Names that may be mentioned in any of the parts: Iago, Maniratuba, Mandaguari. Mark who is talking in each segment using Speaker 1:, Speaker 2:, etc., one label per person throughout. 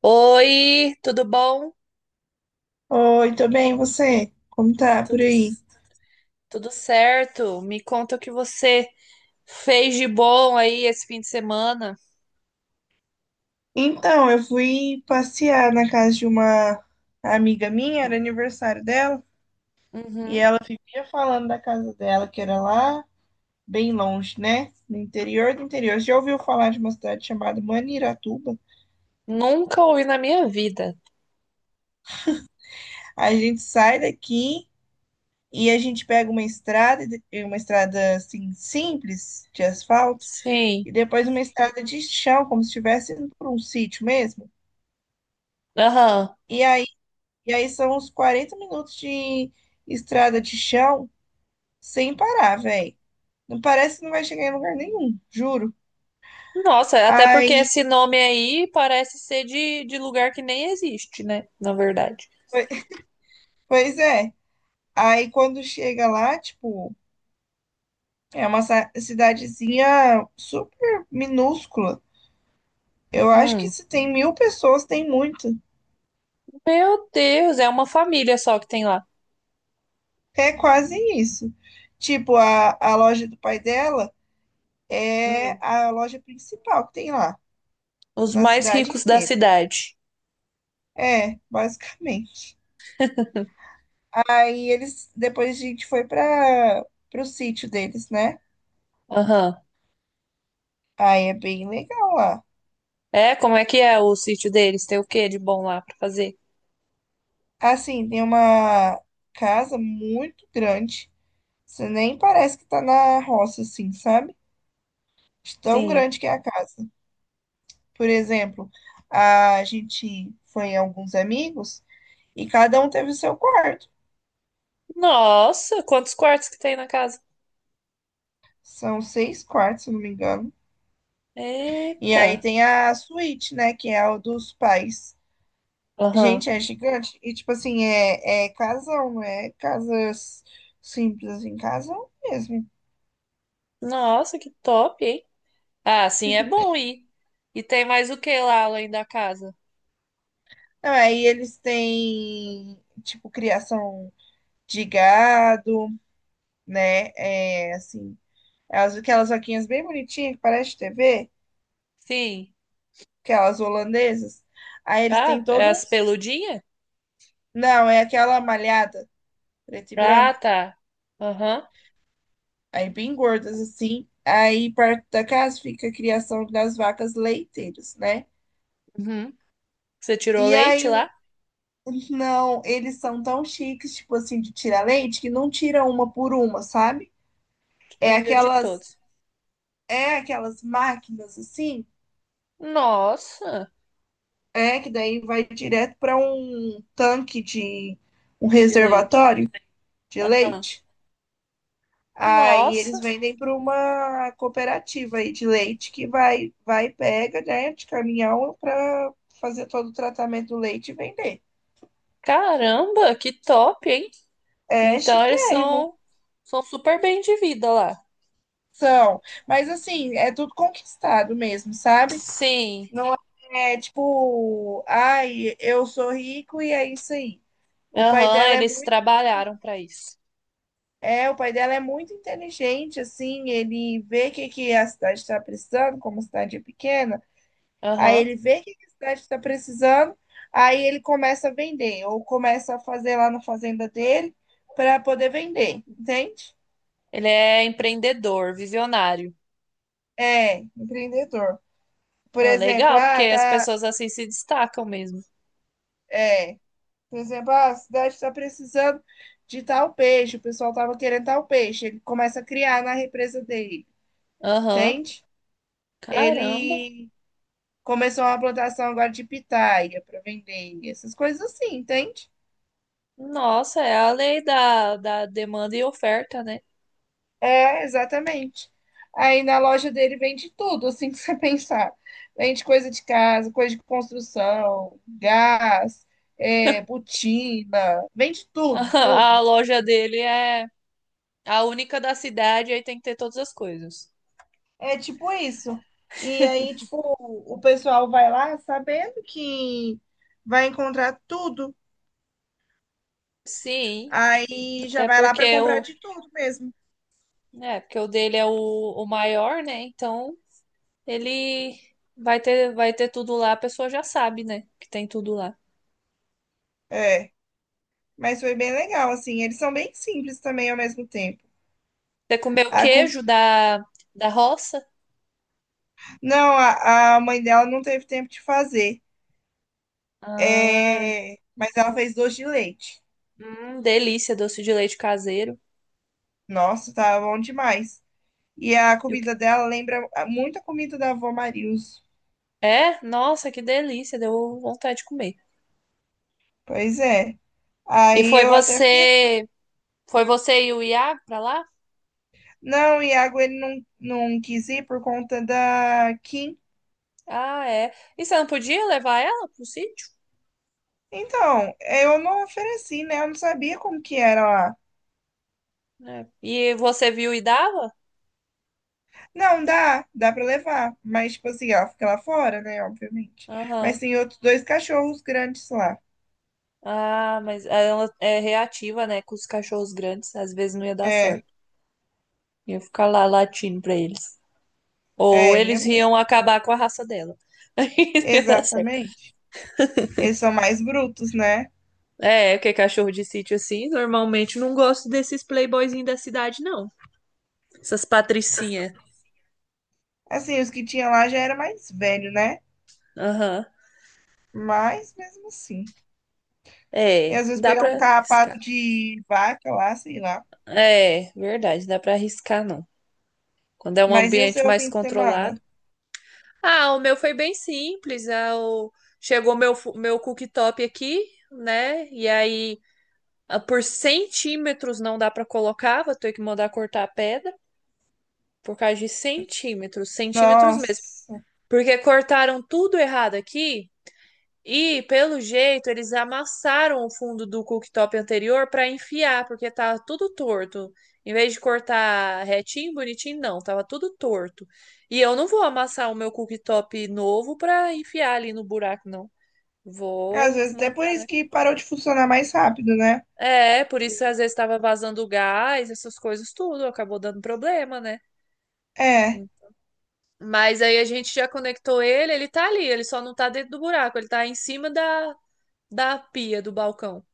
Speaker 1: Oi, tudo bom?
Speaker 2: Oi, tudo bem, e você? Como tá por
Speaker 1: Tudo,
Speaker 2: aí?
Speaker 1: tudo certo? Me conta o que você fez de bom aí esse fim de semana.
Speaker 2: Então, eu fui passear na casa de uma amiga minha, era aniversário dela, e
Speaker 1: Uhum.
Speaker 2: ela vivia falando da casa dela, que era lá bem longe, né? No interior do interior. Você já ouviu falar de uma cidade chamada Maniratuba?
Speaker 1: Nunca ouvi na minha vida.
Speaker 2: A gente sai daqui e a gente pega uma estrada, e uma estrada assim simples de asfalto,
Speaker 1: Sim.
Speaker 2: e depois uma estrada de chão, como se estivesse indo por um sítio mesmo.
Speaker 1: Aham.
Speaker 2: E aí E aí são uns 40 minutos de estrada de chão sem parar, velho. Não parece que não vai chegar em lugar nenhum, juro.
Speaker 1: Nossa, até porque
Speaker 2: Aí,
Speaker 1: esse nome aí parece ser de lugar que nem existe, né? Na verdade.
Speaker 2: pois é. Aí quando chega lá, tipo, é uma cidadezinha super minúscula. Eu acho que
Speaker 1: Hum.
Speaker 2: se tem mil pessoas, tem muito.
Speaker 1: Meu Deus, é uma família só que tem lá.
Speaker 2: É quase isso. Tipo, a loja do pai dela é
Speaker 1: Hum.
Speaker 2: a loja principal que tem lá,
Speaker 1: Os
Speaker 2: na
Speaker 1: mais
Speaker 2: cidade
Speaker 1: ricos da
Speaker 2: inteira.
Speaker 1: cidade.
Speaker 2: É, basicamente. Aí eles, depois a gente foi para o sítio deles, né?
Speaker 1: Aham.
Speaker 2: Aí é bem legal lá.
Speaker 1: É, como é que é o sítio deles? Tem o que de bom lá pra fazer?
Speaker 2: Assim, tem uma casa muito grande. Você nem parece que tá na roça, assim, sabe? De tão
Speaker 1: Sim.
Speaker 2: grande que é a casa. Por exemplo, a gente foi em alguns amigos e cada um teve o seu quarto.
Speaker 1: Nossa, quantos quartos que tem na casa?
Speaker 2: São seis quartos, se eu não me engano. E
Speaker 1: Eita.
Speaker 2: aí tem a suíte, né? Que é a dos pais.
Speaker 1: Aham.
Speaker 2: Gente, é gigante. E, tipo assim, é casão, não é casas simples, assim, casão mesmo.
Speaker 1: Nossa, que top, hein? Ah, sim, é bom ir. E tem mais o que lá além da casa?
Speaker 2: Não, aí eles têm, tipo, criação de gado, né? É, assim, aquelas vaquinhas bem bonitinhas, que parece TV,
Speaker 1: Sim.
Speaker 2: aquelas holandesas. Aí eles têm
Speaker 1: Ah, é
Speaker 2: todo um...
Speaker 1: as peludinhas?
Speaker 2: Não, é aquela malhada, preto e
Speaker 1: Ah,
Speaker 2: branco.
Speaker 1: tá. Aham.
Speaker 2: Aí bem gordas, assim. Aí perto da casa fica a criação das vacas leiteiras, né?
Speaker 1: Uhum. Você tirou
Speaker 2: E
Speaker 1: leite
Speaker 2: aí
Speaker 1: lá?
Speaker 2: Não, eles são tão chiques, tipo assim, de tirar leite, que não tira uma por uma, sabe? É
Speaker 1: Tirei. De
Speaker 2: aquelas,
Speaker 1: todos.
Speaker 2: é aquelas máquinas assim,
Speaker 1: Nossa,
Speaker 2: é que daí vai direto para um tanque de um
Speaker 1: de leite.
Speaker 2: reservatório de
Speaker 1: Aham.
Speaker 2: leite. Aí
Speaker 1: Nossa,
Speaker 2: eles vendem para uma cooperativa aí de leite que vai pega, né, de caminhão para fazer todo o tratamento do leite e vender.
Speaker 1: caramba, que top, hein?
Speaker 2: É
Speaker 1: Então eles
Speaker 2: chiquérrimo.
Speaker 1: são, são super bem de vida lá.
Speaker 2: São, mas assim, é tudo conquistado mesmo, sabe?
Speaker 1: Sim.
Speaker 2: Não é tipo, ai, eu sou rico e é isso aí. O pai
Speaker 1: Aham,
Speaker 2: dela é
Speaker 1: eles
Speaker 2: muito,
Speaker 1: trabalharam para isso.
Speaker 2: é, o pai dela é muito inteligente, assim, ele vê o que, que a cidade está precisando, como a cidade é pequena, aí
Speaker 1: Aham.
Speaker 2: ele vê o que, que a cidade está precisando, aí ele começa a vender, ou começa a fazer lá na fazenda dele para poder vender, entende?
Speaker 1: Ele é empreendedor, visionário.
Speaker 2: É, empreendedor. Por
Speaker 1: Ah,
Speaker 2: exemplo,
Speaker 1: legal, porque
Speaker 2: ah,
Speaker 1: as
Speaker 2: tá.
Speaker 1: pessoas assim se destacam mesmo.
Speaker 2: É. Por exemplo, ah, a cidade está precisando de tal peixe, o pessoal estava querendo tal peixe. Ele começa a criar na represa dele,
Speaker 1: Aham.
Speaker 2: entende?
Speaker 1: Caramba.
Speaker 2: Ele começou uma plantação agora de pitaia para vender, essas coisas assim, entende?
Speaker 1: Nossa, é a lei da demanda e oferta, né?
Speaker 2: É, exatamente. Aí na loja dele vende tudo, assim, que você pensar. Vende coisa de casa, coisa de construção, gás, é, botina, vende tudo,
Speaker 1: A
Speaker 2: tudo.
Speaker 1: loja dele é a única da cidade, aí tem que ter todas as coisas.
Speaker 2: É tipo isso. E aí, tipo, o pessoal vai lá sabendo que vai encontrar tudo.
Speaker 1: Sim,
Speaker 2: Aí já
Speaker 1: até
Speaker 2: vai lá para
Speaker 1: porque
Speaker 2: comprar
Speaker 1: o,
Speaker 2: de tudo mesmo.
Speaker 1: né? Porque o dele é o maior, né? Então ele vai ter tudo lá, a pessoa já sabe, né? Que tem tudo lá.
Speaker 2: É, mas foi bem legal, assim. Eles são bem simples também ao mesmo tempo.
Speaker 1: Você comeu
Speaker 2: A com-
Speaker 1: queijo da roça?
Speaker 2: Não, a mãe dela não teve tempo de fazer.
Speaker 1: Ah,
Speaker 2: É, mas ela fez doce de leite.
Speaker 1: delícia, doce de leite caseiro.
Speaker 2: Nossa, tá bom demais. E a
Speaker 1: E o que-
Speaker 2: comida dela lembra muito a comida da avó Marilson.
Speaker 1: É? Nossa, que delícia, deu vontade de comer.
Speaker 2: Pois é.
Speaker 1: E
Speaker 2: Aí eu até fiquei.
Speaker 1: foi você e o Iago pra lá?
Speaker 2: Não, o Iago ele não quis ir por conta da Kim.
Speaker 1: Ah, é. E você não podia levar ela pro sítio?
Speaker 2: Então, eu não ofereci, né? Eu não sabia como que era lá.
Speaker 1: É. E você viu e dava?
Speaker 2: Não, dá pra levar. Mas, tipo assim, ela fica lá fora, né? Obviamente.
Speaker 1: Aham.
Speaker 2: Mas tem outros dois cachorros grandes lá.
Speaker 1: Ah, mas ela é reativa, né? Com os cachorros grandes, às vezes não ia dar
Speaker 2: É,
Speaker 1: certo. Ia ficar lá latindo pra eles. Ou
Speaker 2: é, ia
Speaker 1: eles
Speaker 2: mesmo.
Speaker 1: iam acabar com a raça dela. Aí não ia dar certo.
Speaker 2: Exatamente. Eles são mais brutos, né?
Speaker 1: É, porque cachorro de sítio assim, normalmente não gosto desses playboyzinhos da cidade, não. Essas patricinhas.
Speaker 2: Assim, os que tinha lá já era mais velho, né?
Speaker 1: Aham.
Speaker 2: Mas mesmo assim. E
Speaker 1: É,
Speaker 2: às
Speaker 1: não
Speaker 2: vezes
Speaker 1: dá
Speaker 2: pegar um
Speaker 1: pra arriscar.
Speaker 2: carrapato de vaca lá, sei lá.
Speaker 1: É, verdade, não dá pra arriscar, não. Quando é um
Speaker 2: Mas e o
Speaker 1: ambiente
Speaker 2: seu
Speaker 1: mais
Speaker 2: fim de semana?
Speaker 1: controlado. Ah, o meu foi bem simples. Chegou meu, meu cooktop aqui, né? E aí, ah, por centímetros não dá pra colocar, vou ter que mandar cortar a pedra. Por causa de centímetros, centímetros mesmo.
Speaker 2: Nossa.
Speaker 1: Porque cortaram tudo errado aqui. E, pelo jeito, eles amassaram o fundo do cooktop anterior para enfiar, porque tava tudo torto. Em vez de cortar retinho, bonitinho, não, tava tudo torto. E eu não vou amassar o meu cooktop novo para enfiar ali no buraco, não.
Speaker 2: É, Às
Speaker 1: Vou
Speaker 2: vezes até por
Speaker 1: mandar,
Speaker 2: isso
Speaker 1: né?
Speaker 2: que parou de funcionar mais rápido, né?
Speaker 1: É, por isso às vezes estava vazando gás, essas coisas tudo, acabou dando problema, né?
Speaker 2: É.
Speaker 1: Mas aí a gente já conectou ele, ele tá ali, ele só não tá dentro do buraco, ele tá em cima da pia do balcão.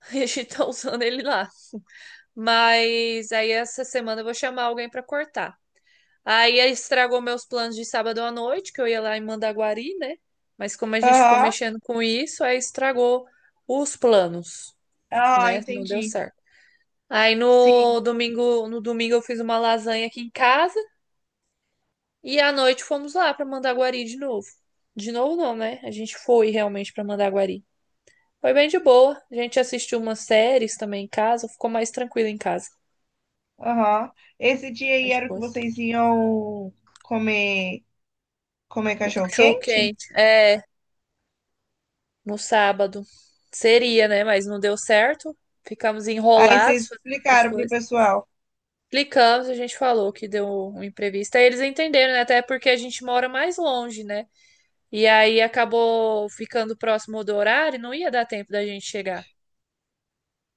Speaker 1: A gente tá usando ele lá. Mas aí essa semana eu vou chamar alguém pra cortar. Aí estragou meus planos de sábado à noite, que eu ia lá em Mandaguari, né? Mas como a gente ficou
Speaker 2: Aham.
Speaker 1: mexendo com isso, aí estragou os planos,
Speaker 2: Ah,
Speaker 1: né? Não deu
Speaker 2: entendi.
Speaker 1: certo. Aí no
Speaker 2: Sim.
Speaker 1: domingo, no domingo eu fiz uma lasanha aqui em casa e à noite fomos lá pra Mandaguari de novo. De novo não, né? A gente foi realmente pra Mandaguari. Foi bem de boa. A gente assistiu umas séries também em casa, ficou mais tranquilo em casa.
Speaker 2: Aham. Esse dia aí
Speaker 1: As
Speaker 2: era o que
Speaker 1: duas.
Speaker 2: vocês iam comer, comer
Speaker 1: O
Speaker 2: cachorro
Speaker 1: cachorro
Speaker 2: quente?
Speaker 1: quente. É, no sábado. Seria, né? Mas não deu certo. Ficamos
Speaker 2: Aí
Speaker 1: enrolados
Speaker 2: vocês
Speaker 1: fazendo outras
Speaker 2: explicaram pro
Speaker 1: coisas.
Speaker 2: pessoal.
Speaker 1: Clicamos, a gente falou que deu um imprevisto. Aí eles entenderam, né? Até porque a gente mora mais longe, né? E aí acabou ficando próximo do horário, não ia dar tempo da gente chegar.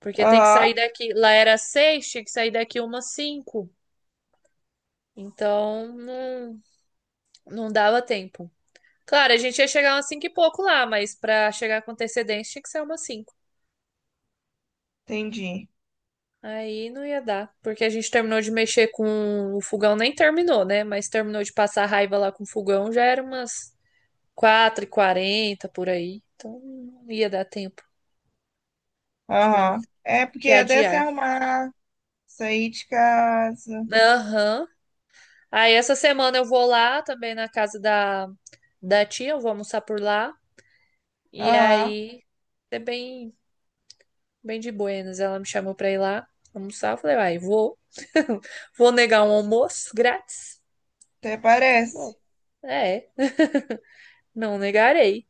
Speaker 1: Porque tem que
Speaker 2: Aham.
Speaker 1: sair daqui. Lá era 6, tinha que sair daqui umas 5. Então não, não dava tempo. Claro, a gente ia chegar umas 5 e pouco lá, mas pra chegar com antecedência tinha que ser umas 5.
Speaker 2: Entendi.
Speaker 1: Aí não ia dar, porque a gente terminou de mexer com o fogão, nem terminou, né? Mas terminou de passar raiva lá com o fogão, já era umas 4 e 40 por aí. Então não ia dar tempo. Tivemos
Speaker 2: Aham. É porque
Speaker 1: que
Speaker 2: até se
Speaker 1: adiar.
Speaker 2: arrumar, sair de casa.
Speaker 1: Aham. Aí essa semana eu vou lá também na casa da tia, eu vou almoçar por lá. E
Speaker 2: Aham.
Speaker 1: aí é bem, bem de buenas. Ela me chamou pra ir lá almoçar. Eu falei, vai, vou. Vou negar um almoço grátis?
Speaker 2: Até
Speaker 1: Não
Speaker 2: parece.
Speaker 1: vou. É. Não negarei.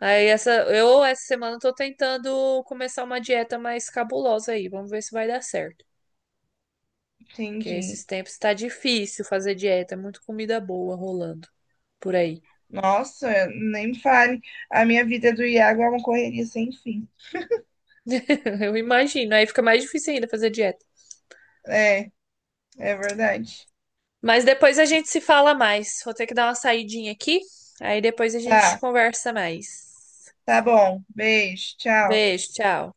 Speaker 1: Eu essa semana tô tentando começar uma dieta mais cabulosa aí. Vamos ver se vai dar certo. Porque esses
Speaker 2: Entendi.
Speaker 1: tempos tá difícil fazer dieta, é muito comida boa rolando por aí.
Speaker 2: Nossa, nem me fale. A minha vida do Iago é uma correria sem fim.
Speaker 1: Eu imagino. Aí fica mais difícil ainda fazer dieta.
Speaker 2: É, é verdade.
Speaker 1: Mas depois a gente se fala mais. Vou ter que dar uma saidinha aqui. Aí depois a gente
Speaker 2: Tá,
Speaker 1: conversa mais.
Speaker 2: tá bom. Beijo, tchau.
Speaker 1: Beijo, tchau.